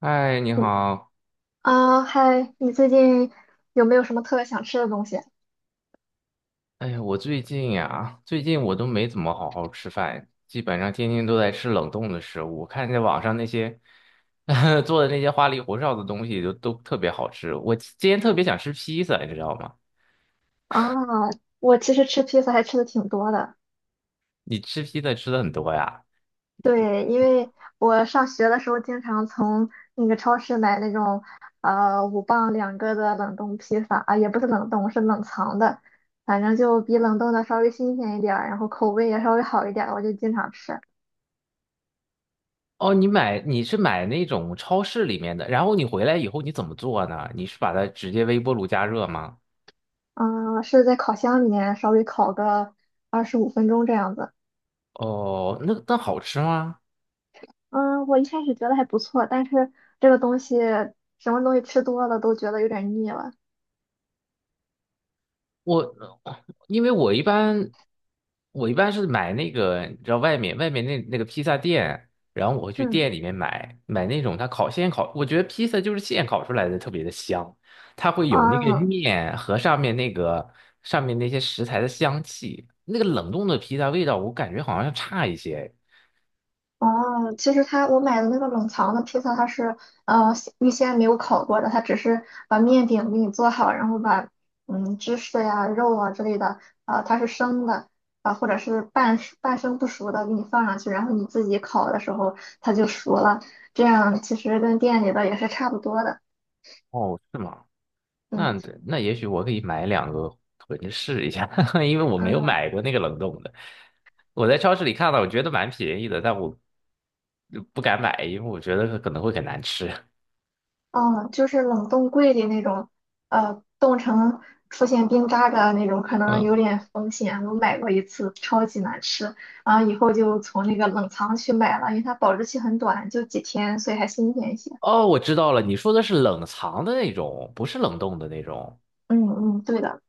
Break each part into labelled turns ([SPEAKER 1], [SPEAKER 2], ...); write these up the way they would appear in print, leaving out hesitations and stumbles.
[SPEAKER 1] 嗨，你
[SPEAKER 2] 嗯
[SPEAKER 1] 好。
[SPEAKER 2] 啊，嗨，你最近有没有什么特别想吃的东西？
[SPEAKER 1] 哎呀，我最近呀，最近我都没怎么好好吃饭，基本上天天都在吃冷冻的食物。我看见网上那些 做的那些花里胡哨的东西都特别好吃。我今天特别想吃披萨，你知道吗？
[SPEAKER 2] 啊，我其实吃披萨还吃的挺多的。
[SPEAKER 1] 你吃披萨吃的很多呀？
[SPEAKER 2] 对，因为我上学的时候经常从那个超市买那种5磅两个的冷冻披萨啊，也不是冷冻，是冷藏的，反正就比冷冻的稍微新鲜一点儿，然后口味也稍微好一点儿，我就经常吃。
[SPEAKER 1] 哦，你买你是买那种超市里面的，然后你回来以后你怎么做呢？你是把它直接微波炉加热吗？
[SPEAKER 2] 嗯，是在烤箱里面稍微烤个25分钟这样子。
[SPEAKER 1] 哦，那那好吃吗？
[SPEAKER 2] 嗯，我一开始觉得还不错，但是这个东西什么东西吃多了都觉得有点腻了。
[SPEAKER 1] 我因为我一般是买那个，你知道外面那个披萨店，然后我会去
[SPEAKER 2] 嗯，
[SPEAKER 1] 店里面买那种它烤现烤，我觉得披萨就是现烤出来的特别的香，它会有那个
[SPEAKER 2] 啊，
[SPEAKER 1] 面和上面那个那些食材的香气，那个冷冻的披萨味道我感觉好像差一些。
[SPEAKER 2] 哦，其实它我买的那个冷藏的披萨，它是呃预先没有烤过的，它只是把面饼给你做好，然后把芝士呀、肉啊之类的，啊、它是生的，啊、或者是半熟半生不熟的给你放上去，然后你自己烤的时候它就熟了，这样其实跟店里的也是差不多的。
[SPEAKER 1] 哦，是吗？
[SPEAKER 2] 嗯
[SPEAKER 1] 那那也许我可以买两个回去试一下，因为我没有买过那个冷冻的。我在超市里看到，我觉得蛮便宜的，但我不敢买，因为我觉得可能会很难吃。
[SPEAKER 2] 嗯，就是冷冻柜里那种，呃，冻成出现冰渣渣的那种，可能
[SPEAKER 1] 嗯。
[SPEAKER 2] 有点风险。我买过1次，超级难吃，然后以后就从那个冷藏去买了，因为它保质期很短，就几天，所以还新鲜一些。
[SPEAKER 1] 哦，我知道了，你说的是冷藏的那种，不是冷冻的那种。
[SPEAKER 2] 嗯嗯，对的，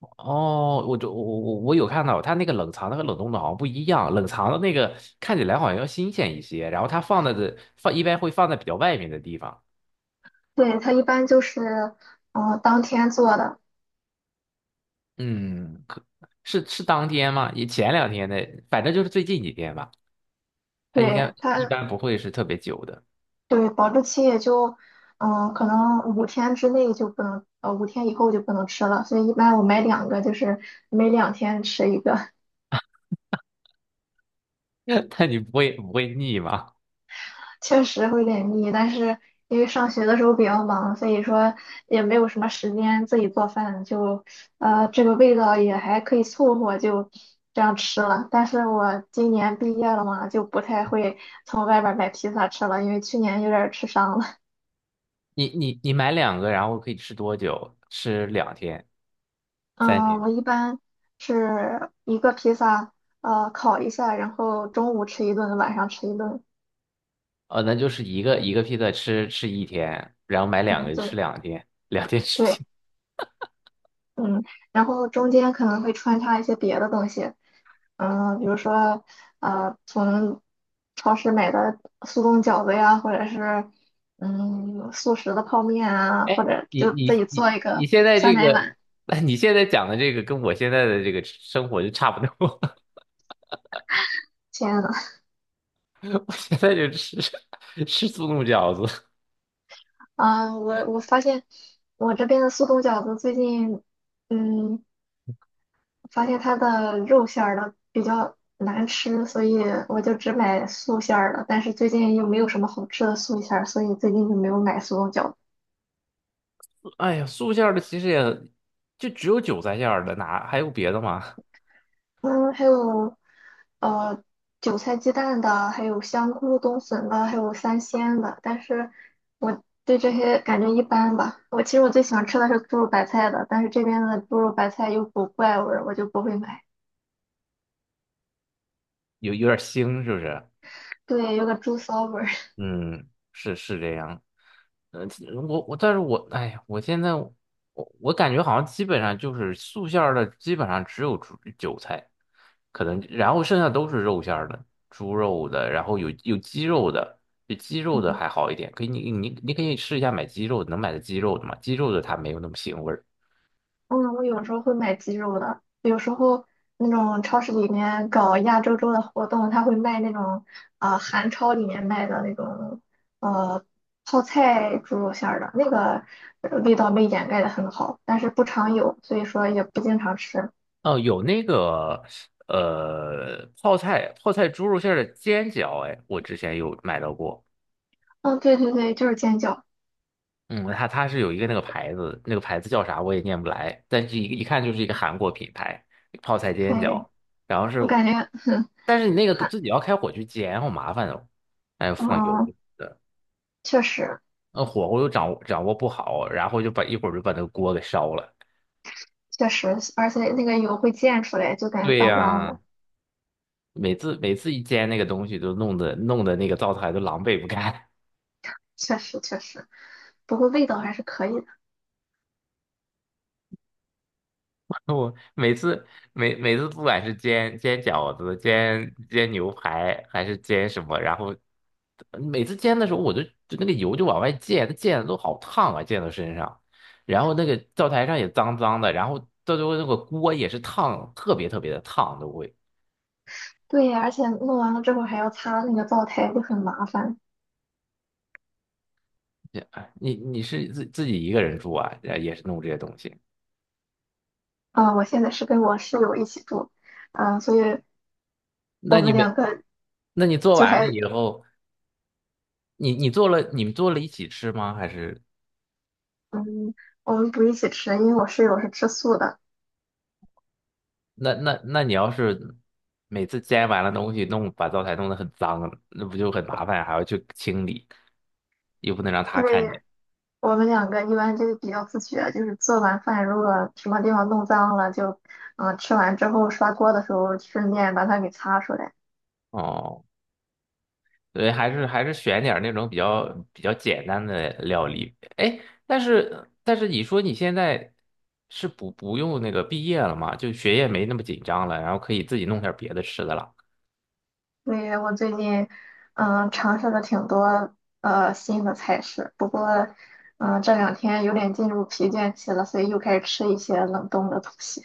[SPEAKER 1] 哦，我就我我我有看到，它那个冷藏的和冷冻的好像不一样，冷藏的那个看起来好像要新鲜一些，然后它放在的放一般会放在比较外面的地方。
[SPEAKER 2] 对，它一般就是，当天做的，
[SPEAKER 1] 嗯，可是是当天吗？也前两天的，反正就是最近几天吧。它应该
[SPEAKER 2] 对
[SPEAKER 1] 一
[SPEAKER 2] 它，
[SPEAKER 1] 般不会是特别久的。
[SPEAKER 2] 对，保质期也就，可能五天之内就不能，五天以后就不能吃了，所以一般我买两个，就是每两天吃一个。
[SPEAKER 1] 但你不会腻吗？
[SPEAKER 2] 确实会有点腻，但是因为上学的时候比较忙，所以说也没有什么时间自己做饭，就这个味道也还可以凑合，就这样吃了。但是我今年毕业了嘛，就不太会从外边儿买披萨吃了，因为去年有点儿吃伤了。
[SPEAKER 1] 你买两个，然后可以吃多久？吃两天、三
[SPEAKER 2] 嗯，
[SPEAKER 1] 天？
[SPEAKER 2] 我一般是1个披萨，烤一下，然后中午吃一顿，晚上吃一顿。
[SPEAKER 1] 哦，那就是一个一个披萨吃一天，然后买两
[SPEAKER 2] 嗯，
[SPEAKER 1] 个就吃
[SPEAKER 2] 对
[SPEAKER 1] 两天，两天吃。
[SPEAKER 2] 对，嗯，然后中间可能会穿插一些别的东西。嗯，比如说，从超市买的速冻饺子呀，或者是速食的泡面啊，或
[SPEAKER 1] 哎，
[SPEAKER 2] 者就自己做一
[SPEAKER 1] 你
[SPEAKER 2] 个
[SPEAKER 1] 现在
[SPEAKER 2] 酸
[SPEAKER 1] 这
[SPEAKER 2] 奶
[SPEAKER 1] 个。
[SPEAKER 2] 碗。
[SPEAKER 1] 你现在讲的这个跟我现在的这个生活就差不多。
[SPEAKER 2] 天呐，
[SPEAKER 1] 我现在就吃 吃速冻饺子。
[SPEAKER 2] 啊，我发现我这边的速冻饺子最近，嗯，发现它的肉馅儿的比较难吃，所以我就只买素馅儿的。但是最近又没有什么好吃的素馅儿，所以最近就没有买速冻饺子。
[SPEAKER 1] 哎呀，素馅儿的其实也就只有韭菜馅儿的，哪还有别的吗？
[SPEAKER 2] 嗯，还有呃韭菜鸡蛋的，还有香菇冬笋的，还有三鲜的。但是我对这些感觉一般吧。我其实我最喜欢吃的是猪肉白菜的，但是这边的猪肉白菜有股怪味儿，我就不会买。
[SPEAKER 1] 有点腥，是不是？
[SPEAKER 2] 对，有个猪骚味儿。
[SPEAKER 1] 嗯，是是这样。呃，其我我，但是我哎呀，我现在我感觉好像基本上就是素馅儿的，基本上只有猪韭菜，可能然后剩下都是肉馅儿的，猪肉的，然后有鸡肉的，这鸡肉的还好一点，可以你可以试一下买鸡肉的能买的鸡肉的嘛？鸡肉的它没有那么腥味儿。
[SPEAKER 2] 嗯，我有时候会买鸡肉的，有时候那种超市里面搞亚洲周的活动，他会卖那种啊，韩超里面卖的那种呃泡菜猪肉馅儿的，那个味道被掩盖的很好，但是不常有，所以说也不经常吃。
[SPEAKER 1] 哦，有那个泡菜猪肉馅儿的煎饺，哎，我之前有买到过。
[SPEAKER 2] 嗯，对对对，就是煎饺。
[SPEAKER 1] 嗯，它是有一个那个牌子，那个牌子叫啥我也念不来，但是一看就是一个韩国品牌，泡菜煎
[SPEAKER 2] 对，
[SPEAKER 1] 饺。然后是，
[SPEAKER 2] 我感觉
[SPEAKER 1] 但是你那个
[SPEAKER 2] 韩，
[SPEAKER 1] 自己要开火去煎，好麻烦哦，还要放油
[SPEAKER 2] 嗯，
[SPEAKER 1] 的，
[SPEAKER 2] 确实
[SPEAKER 1] 那火候又掌握不好，然后就把一会儿就把那个锅给烧了。
[SPEAKER 2] 确实，而且那个油会溅出来，就感觉
[SPEAKER 1] 对
[SPEAKER 2] 脏脏
[SPEAKER 1] 呀，
[SPEAKER 2] 的，
[SPEAKER 1] 每次一煎那个东西，都弄得那个灶台都狼狈不堪。
[SPEAKER 2] 确实确实，不过味道还是可以的。
[SPEAKER 1] 我每次不管是煎饺子、煎牛排还是煎什么，然后每次煎的时候，就那个油就往外溅，它溅的都好烫啊，溅到身上。然后那个灶台上也脏脏的，然后到最后那个锅也是烫，特别特别的烫都会。
[SPEAKER 2] 对呀，而且弄完了之后还要擦那个灶台，就很麻烦。
[SPEAKER 1] 哎，你是自己一个人住啊，呃也是弄这些东西。
[SPEAKER 2] 啊、我现在是跟我室友一起住，啊、所以
[SPEAKER 1] 那
[SPEAKER 2] 我
[SPEAKER 1] 你
[SPEAKER 2] 们
[SPEAKER 1] 没，
[SPEAKER 2] 两个
[SPEAKER 1] 那你做
[SPEAKER 2] 就
[SPEAKER 1] 完了
[SPEAKER 2] 还，
[SPEAKER 1] 以后，你们做了一起吃吗？还是？
[SPEAKER 2] 嗯，我们不一起吃，因为我室友是吃素的，
[SPEAKER 1] 那你要是每次摘完了东西弄，把灶台弄得很脏，那不就很麻烦，还要去清理，又不能让他
[SPEAKER 2] 因
[SPEAKER 1] 看见。
[SPEAKER 2] 为我们两个一般就比较自觉，就是做完饭如果什么地方弄脏了，就，吃完之后刷锅的时候顺便把它给擦出来。
[SPEAKER 1] 哦，对，还是选点儿那种比较简单的料理。哎，但是你说你现在是不不用那个毕业了嘛，就学业没那么紧张了，然后可以自己弄点儿别的吃的了。
[SPEAKER 2] 所以我最近尝试了挺多新的菜式，不过这两天有点进入疲倦期了，所以又开始吃一些冷冻的东西。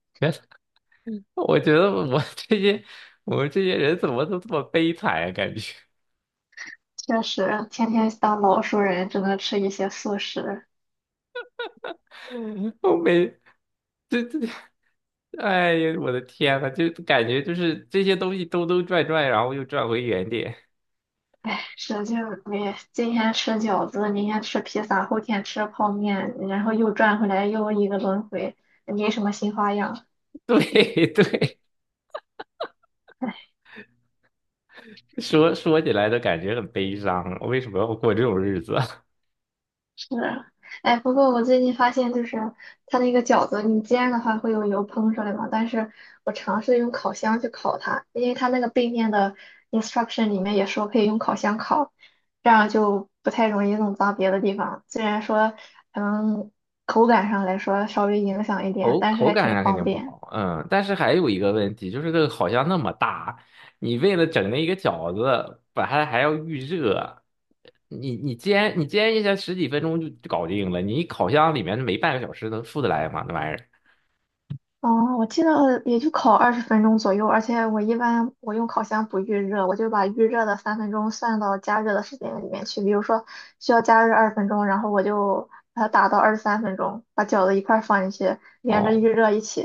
[SPEAKER 1] 别的。我觉得我们这些人怎么都这么悲惨啊？感觉
[SPEAKER 2] 确实，天天当老熟人，只能吃一些素食。
[SPEAKER 1] 我每这这。哎呀，我的天呐，就感觉就是这些东西兜兜转转，然后又转回原点。
[SPEAKER 2] 唉，使劲儿，你今天吃饺子，明天吃披萨，后天吃泡面，然后又转回来又一个轮回，没什么新花样。
[SPEAKER 1] 对对，说起来都感觉很悲伤，为什么要过这种日子？
[SPEAKER 2] 是，哎，不过我最近发现，就是它那个饺子，你煎的话会有油喷出来嘛，但是我尝试用烤箱去烤它，因为它那个背面的 instruction 里面也说可以用烤箱烤，这样就不太容易弄脏别的地方。虽然说，嗯，口感上来说稍微影响一点，
[SPEAKER 1] 口
[SPEAKER 2] 但是
[SPEAKER 1] 口
[SPEAKER 2] 还
[SPEAKER 1] 感
[SPEAKER 2] 挺
[SPEAKER 1] 上肯
[SPEAKER 2] 方
[SPEAKER 1] 定不
[SPEAKER 2] 便。
[SPEAKER 1] 好，嗯，但是还有一个问题，就是这个好像那么大，你为了整那一个饺子，把它还要预热，你煎一下十几分钟就搞定了，你烤箱里面没半个小时能出得来吗？那玩意儿，
[SPEAKER 2] 哦，我记得也就烤二十分钟左右，而且我一般我用烤箱不预热，我就把预热的三分钟算到加热的时间里面去。比如说需要加热二十分钟，然后我就把它打到23分钟，把饺子一块儿放进去，连着
[SPEAKER 1] 哦，
[SPEAKER 2] 预热一起。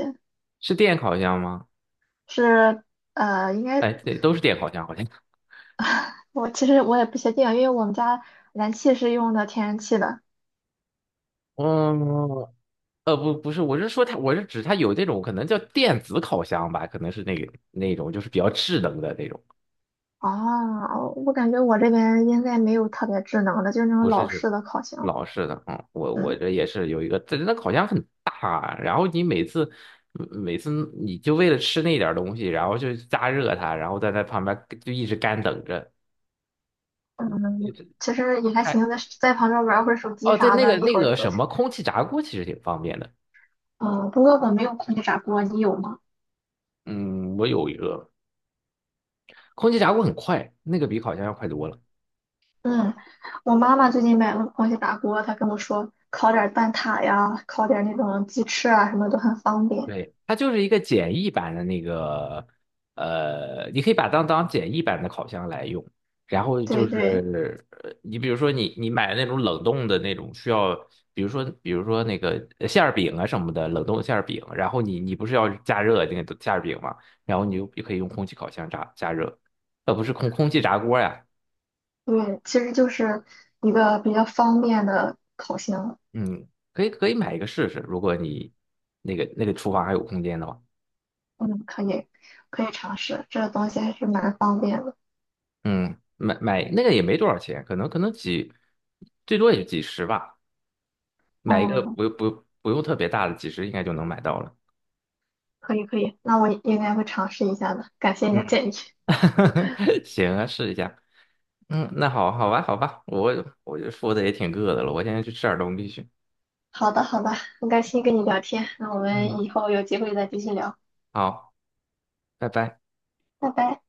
[SPEAKER 1] 是电烤箱吗？
[SPEAKER 2] 是，应该
[SPEAKER 1] 哎，对，都是电烤箱，好像。
[SPEAKER 2] 我其实我也不确定，因为我们家燃气是用的天然气的。
[SPEAKER 1] 嗯，不是，我是说它，我是指它有这种可能叫电子烤箱吧，可能是那个那种就是比较智能的那种，
[SPEAKER 2] 哦，我感觉我这边应该没有特别智能的，就是那种
[SPEAKER 1] 不是
[SPEAKER 2] 老
[SPEAKER 1] 是
[SPEAKER 2] 式的烤箱。
[SPEAKER 1] 老式的。嗯，我
[SPEAKER 2] 嗯。
[SPEAKER 1] 这也是有一个，这那烤箱很大，然后你每次你就为了吃那点儿东西，然后就加热它，然后在那旁边就一直干等着，一
[SPEAKER 2] 嗯，
[SPEAKER 1] 直
[SPEAKER 2] 其实也还
[SPEAKER 1] 还
[SPEAKER 2] 行，在旁边玩会儿手机
[SPEAKER 1] 哦，对，
[SPEAKER 2] 啥
[SPEAKER 1] 那个
[SPEAKER 2] 的，一
[SPEAKER 1] 那
[SPEAKER 2] 会儿就
[SPEAKER 1] 个
[SPEAKER 2] 过
[SPEAKER 1] 什
[SPEAKER 2] 去
[SPEAKER 1] 么
[SPEAKER 2] 了。
[SPEAKER 1] 空气炸锅其实挺方便的。
[SPEAKER 2] 嗯，不过我没有空气炸锅，你有吗？
[SPEAKER 1] 嗯，我有一个空气炸锅，很快，那个比烤箱要快多了。
[SPEAKER 2] 嗯，我妈妈最近买了个空气炸锅，她跟我说烤点儿蛋挞呀，烤点儿那种鸡翅啊，什么都很方便。
[SPEAKER 1] 对，它就是一个简易版的那个，呃，你可以把它当简易版的烤箱来用。然后就
[SPEAKER 2] 对对
[SPEAKER 1] 是，呃你比如说你你买那种冷冻的那种需要，比如说馅儿饼啊什么的，冷冻馅儿饼，然后你不是要加热那个馅儿饼嘛，然后你就也可以用空气烤箱炸加热，呃，不是空气炸锅呀，
[SPEAKER 2] 对，其实就是一个比较方便的烤箱。
[SPEAKER 1] 嗯，可以买一个试试，如果你那个厨房还有空间的话。
[SPEAKER 2] 嗯，可以可以尝试，这个东西还是蛮方便的。
[SPEAKER 1] 嗯，买那个也没多少钱，可能可能几，最多也就几十吧，买一个
[SPEAKER 2] 嗯，
[SPEAKER 1] 不用特别大的，几十应该就能买到了。
[SPEAKER 2] 可以可以，那我应该会尝试一下的，感谢你
[SPEAKER 1] 嗯。
[SPEAKER 2] 的建议。
[SPEAKER 1] 行啊，试一下。嗯，那好好吧，好吧，我就说的也挺饿的了，我现在去吃点东西去。
[SPEAKER 2] 好的，好的，很开心跟你聊天，那我
[SPEAKER 1] 嗯，
[SPEAKER 2] 们以后有机会再继续聊，
[SPEAKER 1] 好，拜拜。
[SPEAKER 2] 拜拜。